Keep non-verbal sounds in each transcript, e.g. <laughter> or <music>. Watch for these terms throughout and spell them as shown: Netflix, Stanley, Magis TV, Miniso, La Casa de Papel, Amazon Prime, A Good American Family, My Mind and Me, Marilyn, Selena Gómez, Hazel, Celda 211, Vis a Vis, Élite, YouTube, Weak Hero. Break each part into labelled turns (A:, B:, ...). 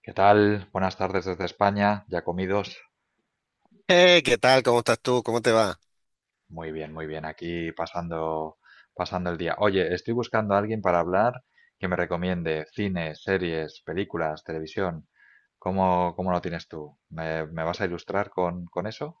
A: ¿Qué tal? Buenas tardes desde España. ¿Ya comidos?
B: ¿Qué tal? ¿Cómo estás tú? ¿Cómo te va?
A: Muy bien, muy bien. Aquí pasando el día. Oye, estoy buscando a alguien para hablar que me recomiende cine, series, películas, televisión. ¿Cómo lo tienes tú? ¿Me vas a ilustrar con eso?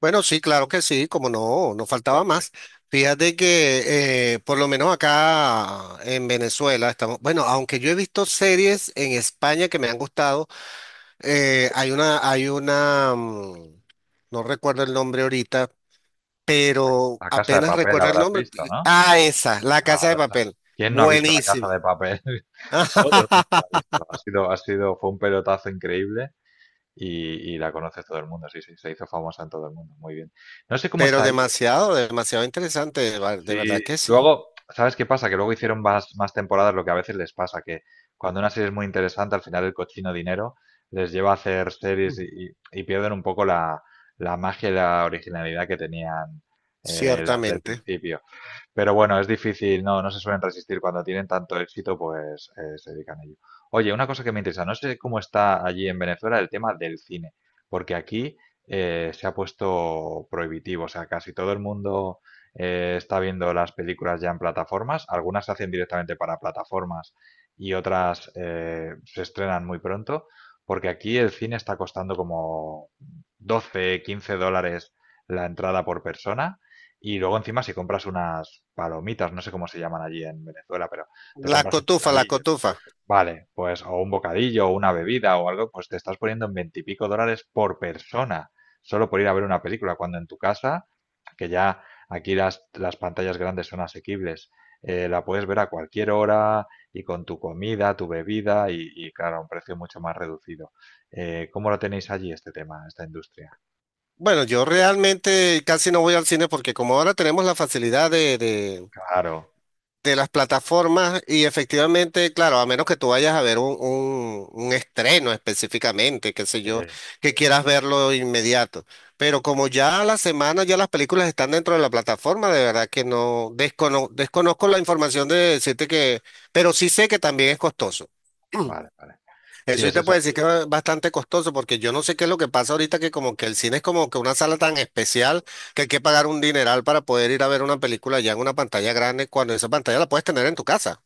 B: Bueno, sí, claro que sí, como no, no faltaba más.
A: Perfecto.
B: Fíjate que por lo menos acá en Venezuela estamos, bueno, aunque yo he visto series en España que me han gustado, hay una, no recuerdo el nombre ahorita,
A: La,
B: pero
A: La Casa de
B: apenas
A: Papel
B: recuerdo el
A: habrás
B: nombre.
A: visto, ¿no?
B: Ah, esa, La Casa de
A: Ahora está.
B: Papel.
A: ¿Quién no ha visto La Casa
B: Buenísima.
A: de Papel? <laughs> Todo el mundo la ha
B: <laughs>
A: visto. Fue un pelotazo increíble y la conoce todo el mundo. Sí, sí, se hizo famosa en todo el mundo. Muy bien. No sé cómo
B: Pero
A: está ahí.
B: demasiado, demasiado interesante, de
A: Sí,
B: verdad que sí,
A: luego, ¿sabes qué pasa? Que luego hicieron más temporadas, lo que a veces les pasa, que cuando una serie es muy interesante, al final el cochino dinero les lleva a hacer series y pierden un poco la magia y la originalidad que tenían las del
B: ciertamente.
A: principio. Pero bueno, es difícil, no, no se suelen resistir cuando tienen tanto éxito, pues se dedican a ello. Oye, una cosa que me interesa, no sé cómo está allí en Venezuela el tema del cine, porque aquí se ha puesto prohibitivo, o sea, casi todo el mundo está viendo las películas ya en plataformas, algunas se hacen directamente para plataformas y otras se estrenan muy pronto, porque aquí el cine está costando como 12, $15 la entrada por persona y luego encima si compras unas palomitas, no sé cómo se llaman allí en Venezuela, pero te
B: La
A: compras un
B: cotufa, la
A: bocadillo.
B: cotufa.
A: Vale, pues o un bocadillo o una bebida o algo, pues te estás poniendo en veintipico dólares por persona, solo por ir a ver una película, cuando en tu casa, que ya aquí las pantallas grandes son asequibles, la puedes ver a cualquier hora y con tu comida, tu bebida y, claro, a un precio mucho más reducido. ¿Cómo lo tenéis allí este tema, esta industria?
B: Bueno, yo realmente casi no voy al cine porque como ahora tenemos la facilidad
A: Claro,
B: de las plataformas y efectivamente, claro, a menos que tú vayas a ver un estreno específicamente, qué sé
A: sí,
B: yo, que quieras verlo inmediato. Pero como ya a la semana ya las películas están dentro de la plataforma,
A: sí,
B: de
A: sí.
B: verdad que no desconozco la información de decirte que, pero sí sé que también es costoso.
A: Vale, vale. Sí,
B: Eso sí
A: es
B: te puedo
A: eso.
B: decir que es bastante costoso porque yo no sé qué es lo que pasa ahorita que como que el cine es como que una sala tan especial que hay que pagar un dineral para poder ir a ver una película ya en una pantalla grande cuando esa pantalla la puedes tener en tu casa.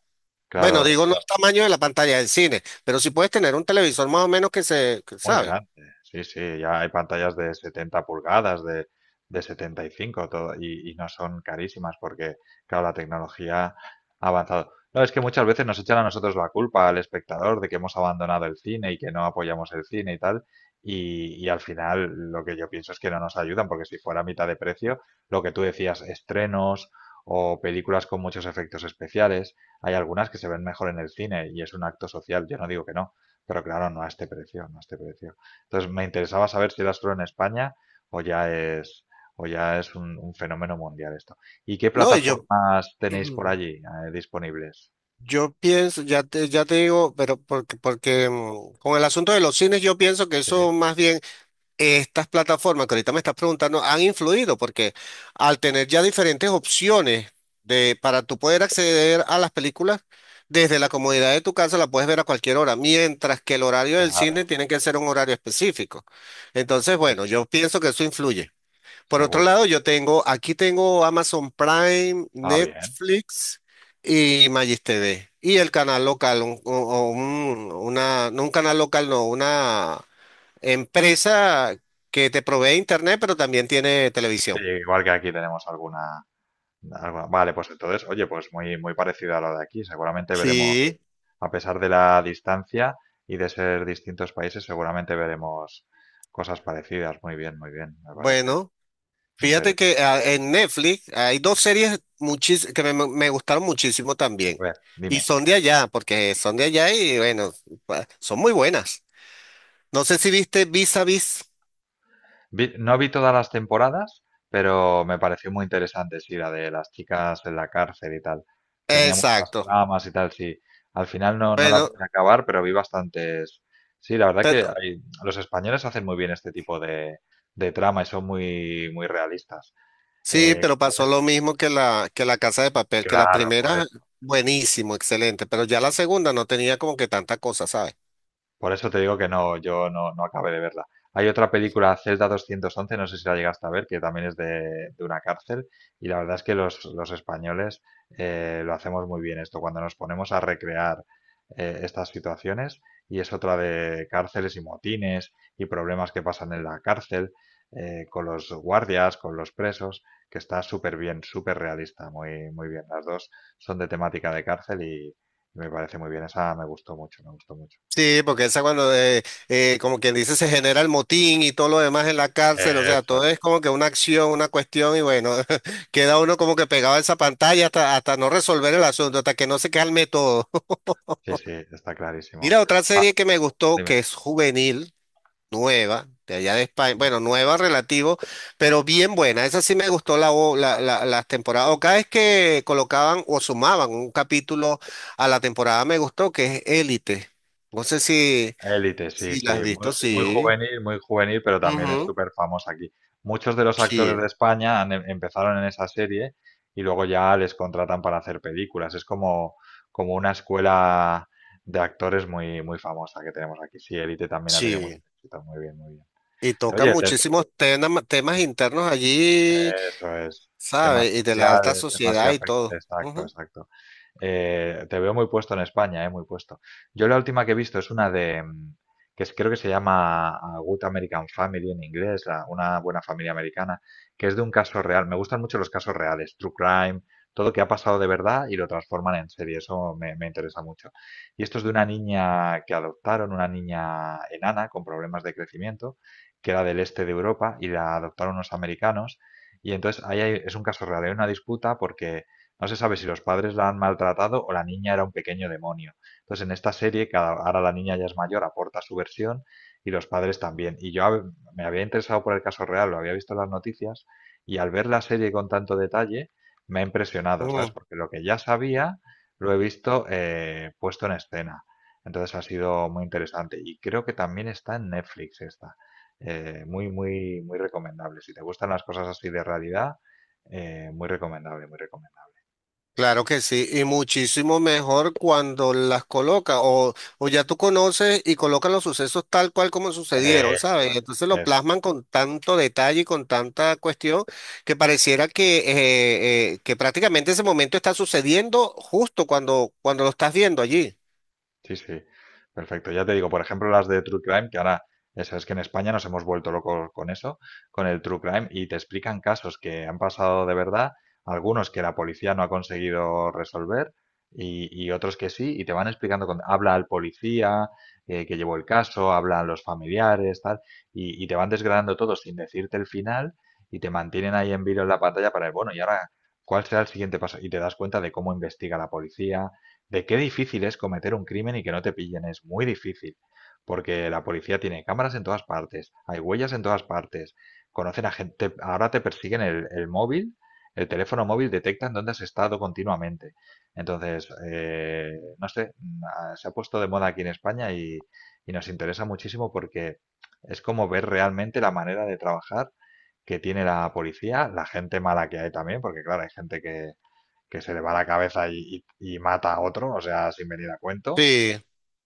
B: Bueno,
A: Claro,
B: digo no
A: pero
B: el tamaño de la pantalla del cine, pero sí puedes tener un televisor más o menos que se, que
A: muy
B: sabe.
A: grande. Sí, sí, ya hay pantallas de 70 pulgadas, de 75, todo, y no son carísimas porque, claro, la tecnología ha avanzado. No, es que muchas veces nos echan a nosotros la culpa al espectador de que hemos abandonado el cine y que no apoyamos el cine y tal. Y al final lo que yo pienso es que no nos ayudan porque si fuera a mitad de precio, lo que tú decías, estrenos o películas con muchos efectos especiales, hay algunas que se ven mejor en el cine y es un acto social. Yo no digo que no. Pero claro, no a este precio, no a este precio. Entonces me interesaba saber si era solo en España o ya es, o ya es un fenómeno mundial esto. ¿Y qué
B: No, y yo,
A: plataformas tenéis por
B: <clears throat>
A: allí disponibles?
B: yo pienso, ya te digo, pero porque con el asunto de los cines yo pienso que
A: Sí,
B: eso más bien estas plataformas que ahorita me estás preguntando han influido porque al tener ya diferentes opciones para tú poder acceder a las películas desde la comodidad de tu casa la puedes ver a cualquier hora, mientras que el horario del cine
A: claro,
B: tiene que ser un horario específico. Entonces,
A: sí,
B: bueno,
A: sí,
B: yo pienso que eso influye. Por otro
A: seguro.
B: lado, yo tengo, aquí tengo Amazon Prime,
A: Ah, bien.
B: Netflix y Magis TV. Y el canal local, una, no un canal local, no, una empresa que te provee internet, pero también tiene
A: Sí,
B: televisión.
A: igual que aquí tenemos Vale, pues entonces, oye, pues muy, muy parecido a lo de aquí. Seguramente veremos,
B: Sí,
A: a pesar de la distancia y de ser distintos países, seguramente veremos cosas parecidas. Muy bien, me parece
B: bueno, fíjate que
A: interesante.
B: en Netflix hay dos series me gustaron muchísimo
A: A
B: también.
A: ver,
B: Y
A: dime.
B: son de allá, porque son de allá y bueno, son muy buenas. No sé si viste Vis a Vis.
A: No vi todas las temporadas, pero me pareció muy interesante, sí, la de las chicas en la cárcel y tal. Tenía muchas
B: Exacto.
A: tramas y tal, sí. Al final no, no la
B: Bueno,
A: pude acabar, pero vi bastantes. Sí, la verdad que
B: pero
A: los españoles hacen muy bien este tipo de trama y son muy, muy realistas.
B: sí, pero
A: Como
B: pasó
A: es,
B: lo mismo que la Casa de Papel, que la
A: claro, por
B: primera,
A: eso.
B: buenísimo, excelente, pero ya la segunda no tenía como que tanta cosa, ¿sabes?
A: Por eso te digo que no, yo no, no acabé de verla. Hay otra película, Celda 211, no sé si la llegaste a ver, que también es de una cárcel. Y la verdad es que los españoles lo hacemos muy bien esto, cuando nos ponemos a recrear estas situaciones. Y es otra de cárceles y motines y problemas que pasan en la cárcel, con los guardias, con los presos, que está súper bien, súper realista, muy, muy bien. Las dos son de temática de cárcel y me parece muy bien. Esa me gustó mucho, me gustó mucho.
B: Sí, porque esa cuando, como quien dice, se genera el motín y todo lo demás en la cárcel, o sea,
A: Eso
B: todo
A: es.
B: es como que una acción, una cuestión y bueno, <laughs> queda uno como que pegado a esa pantalla hasta, hasta no resolver el asunto, hasta que no se calme todo.
A: Sí, sí, está
B: <laughs>
A: clarísimo.
B: Mira, otra
A: Ah,
B: serie que me gustó,
A: dime.
B: que es juvenil, nueva, de allá de España, bueno, nueva relativo, pero bien buena, esa sí me gustó las temporadas, o cada vez que colocaban o sumaban un capítulo a la temporada me gustó, que es Élite. No sé si...
A: Élite, sí,
B: Sí, las has
A: sí. Muy,
B: visto, sí.
A: muy juvenil, pero también es
B: Ujú.
A: súper famosa aquí. Muchos de los actores
B: Sí,
A: de España empezaron en esa serie y luego ya les contratan para hacer películas. Es como, como una escuela de actores muy, muy famosa que tenemos aquí. Sí, Élite también ha tenido mucho
B: sí.
A: éxito. Muy bien, muy bien.
B: Y toca
A: Oye,
B: muchísimos temas internos allí,
A: eso es. Temas
B: ¿sabes? Y de la alta
A: sociales, temas que
B: sociedad y
A: afectan.
B: todo.
A: Exacto,
B: Ujú,
A: exacto. Te veo muy puesto en España, muy puesto. Yo la última que he visto es que creo que se llama A Good American Family en inglés, una buena familia americana, que es de un caso real. Me gustan mucho los casos reales, true crime, todo que ha pasado de verdad y lo transforman en serie. Eso me interesa mucho. Y esto es de una niña que adoptaron, una niña enana con problemas de crecimiento, que era del este de Europa y la adoptaron unos americanos. Y entonces ahí es un caso real, hay una disputa porque no se sabe si los padres la han maltratado o la niña era un pequeño demonio. Entonces, en esta serie, ahora la niña ya es mayor, aporta su versión y los padres también. Y yo me había interesado por el caso real, lo había visto en las noticias y al ver la serie con tanto detalle me ha impresionado, ¿sabes?
B: ujú.
A: Porque lo que ya sabía lo he visto puesto en escena. Entonces ha sido muy interesante y creo que también está en Netflix esta. Muy, muy, muy recomendable. Si te gustan las cosas así de realidad, muy recomendable, muy recomendable.
B: Claro que sí. Y muchísimo mejor cuando las coloca o ya tú conoces y colocan los sucesos tal cual como sucedieron,
A: Eso
B: ¿sabes?
A: es,
B: Entonces lo
A: eso es.
B: plasman con tanto detalle y con tanta cuestión que pareciera que prácticamente ese momento está sucediendo justo cuando, cuando lo estás viendo allí.
A: Sí, sí. Perfecto. Ya te digo, por ejemplo, las de True Crime, que ahora, eso es que en España nos hemos vuelto locos con eso, con el True Crime, y te explican casos que han pasado de verdad, algunos que la policía no ha conseguido resolver y otros que sí, y, te van explicando, habla al policía que llevó el caso, hablan los familiares, tal, y te van desgranando todo sin decirte el final y te mantienen ahí en vilo en la pantalla para el, bueno, y ahora, ¿cuál será el siguiente paso? Y te das cuenta de cómo investiga la policía. De qué difícil es cometer un crimen y que no te pillen, es muy difícil, porque la policía tiene cámaras en todas partes, hay huellas en todas partes, conocen a gente, ahora te persiguen el móvil, el teléfono móvil detectan dónde has estado continuamente. Entonces, no sé, se ha puesto de moda aquí en España y nos interesa muchísimo porque es como ver realmente la manera de trabajar que tiene la policía, la gente mala que hay también, porque claro, hay gente que se le va la cabeza y mata a otro, o sea, sin venir a cuento.
B: Sí.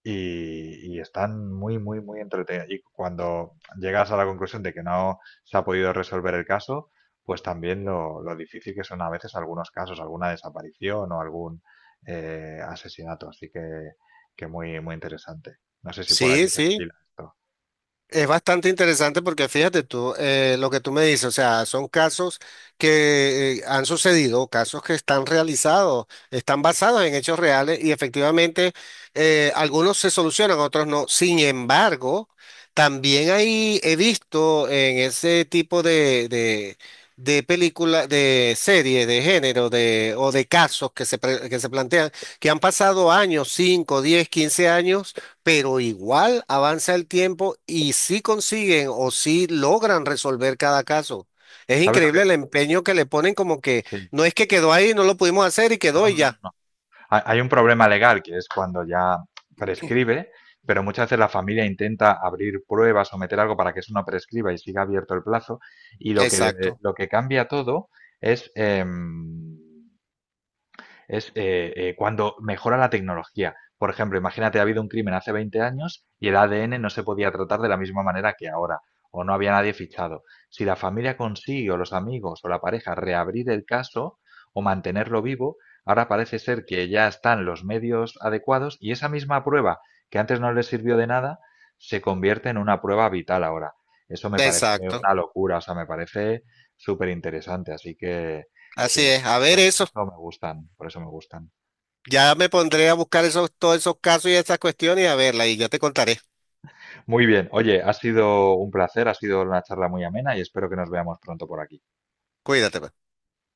A: Y están muy, muy, muy entretenidos. Y cuando llegas a la conclusión de que no se ha podido resolver el caso, pues también lo difícil que son a veces algunos casos, alguna desaparición o algún asesinato. Así que muy, muy interesante. No sé si por allí
B: Sí,
A: se
B: sí,
A: estila esto.
B: es bastante interesante porque fíjate tú, lo que tú me dices, o sea, son casos que han sucedido, casos que están realizados, están basados en hechos reales y efectivamente algunos se solucionan, otros no. Sin embargo, también ahí he visto en ese tipo de película, de serie, de género, de, o de casos que que se plantean, que han pasado años, 5, 10, 15 años, pero igual avanza el tiempo y sí consiguen o sí logran resolver cada caso. Es
A: ¿Sabes lo que...?
B: increíble el empeño que le ponen como que
A: Sí.
B: no es que quedó ahí, no lo pudimos hacer y
A: No,
B: quedó y
A: no, no.
B: ya.
A: No. Hay un problema legal que es cuando ya prescribe, pero muchas veces la familia intenta abrir pruebas o meter algo para que eso no prescriba y siga abierto el plazo. Y lo que,
B: Exacto,
A: lo que cambia todo es em, es cuando mejora la tecnología. Por ejemplo, imagínate, ha habido un crimen hace 20 años y el ADN no se podía tratar de la misma manera que ahora, o no había nadie fichado. Si la familia consigue, o los amigos, o la pareja, reabrir el caso o mantenerlo vivo, ahora parece ser que ya están los medios adecuados y esa misma prueba que antes no les sirvió de nada, se convierte en una prueba vital ahora. Eso me parece
B: exacto.
A: una locura, o sea, me parece súper interesante. Así que
B: Así es. A ver
A: por
B: eso.
A: eso me gustan, por eso me gustan.
B: Ya me pondré a buscar esos, todos esos casos y esas cuestiones y a verla y ya te contaré.
A: Muy bien, oye, ha sido un placer, ha sido una charla muy amena y espero que nos veamos pronto por aquí.
B: Cuídate, pues.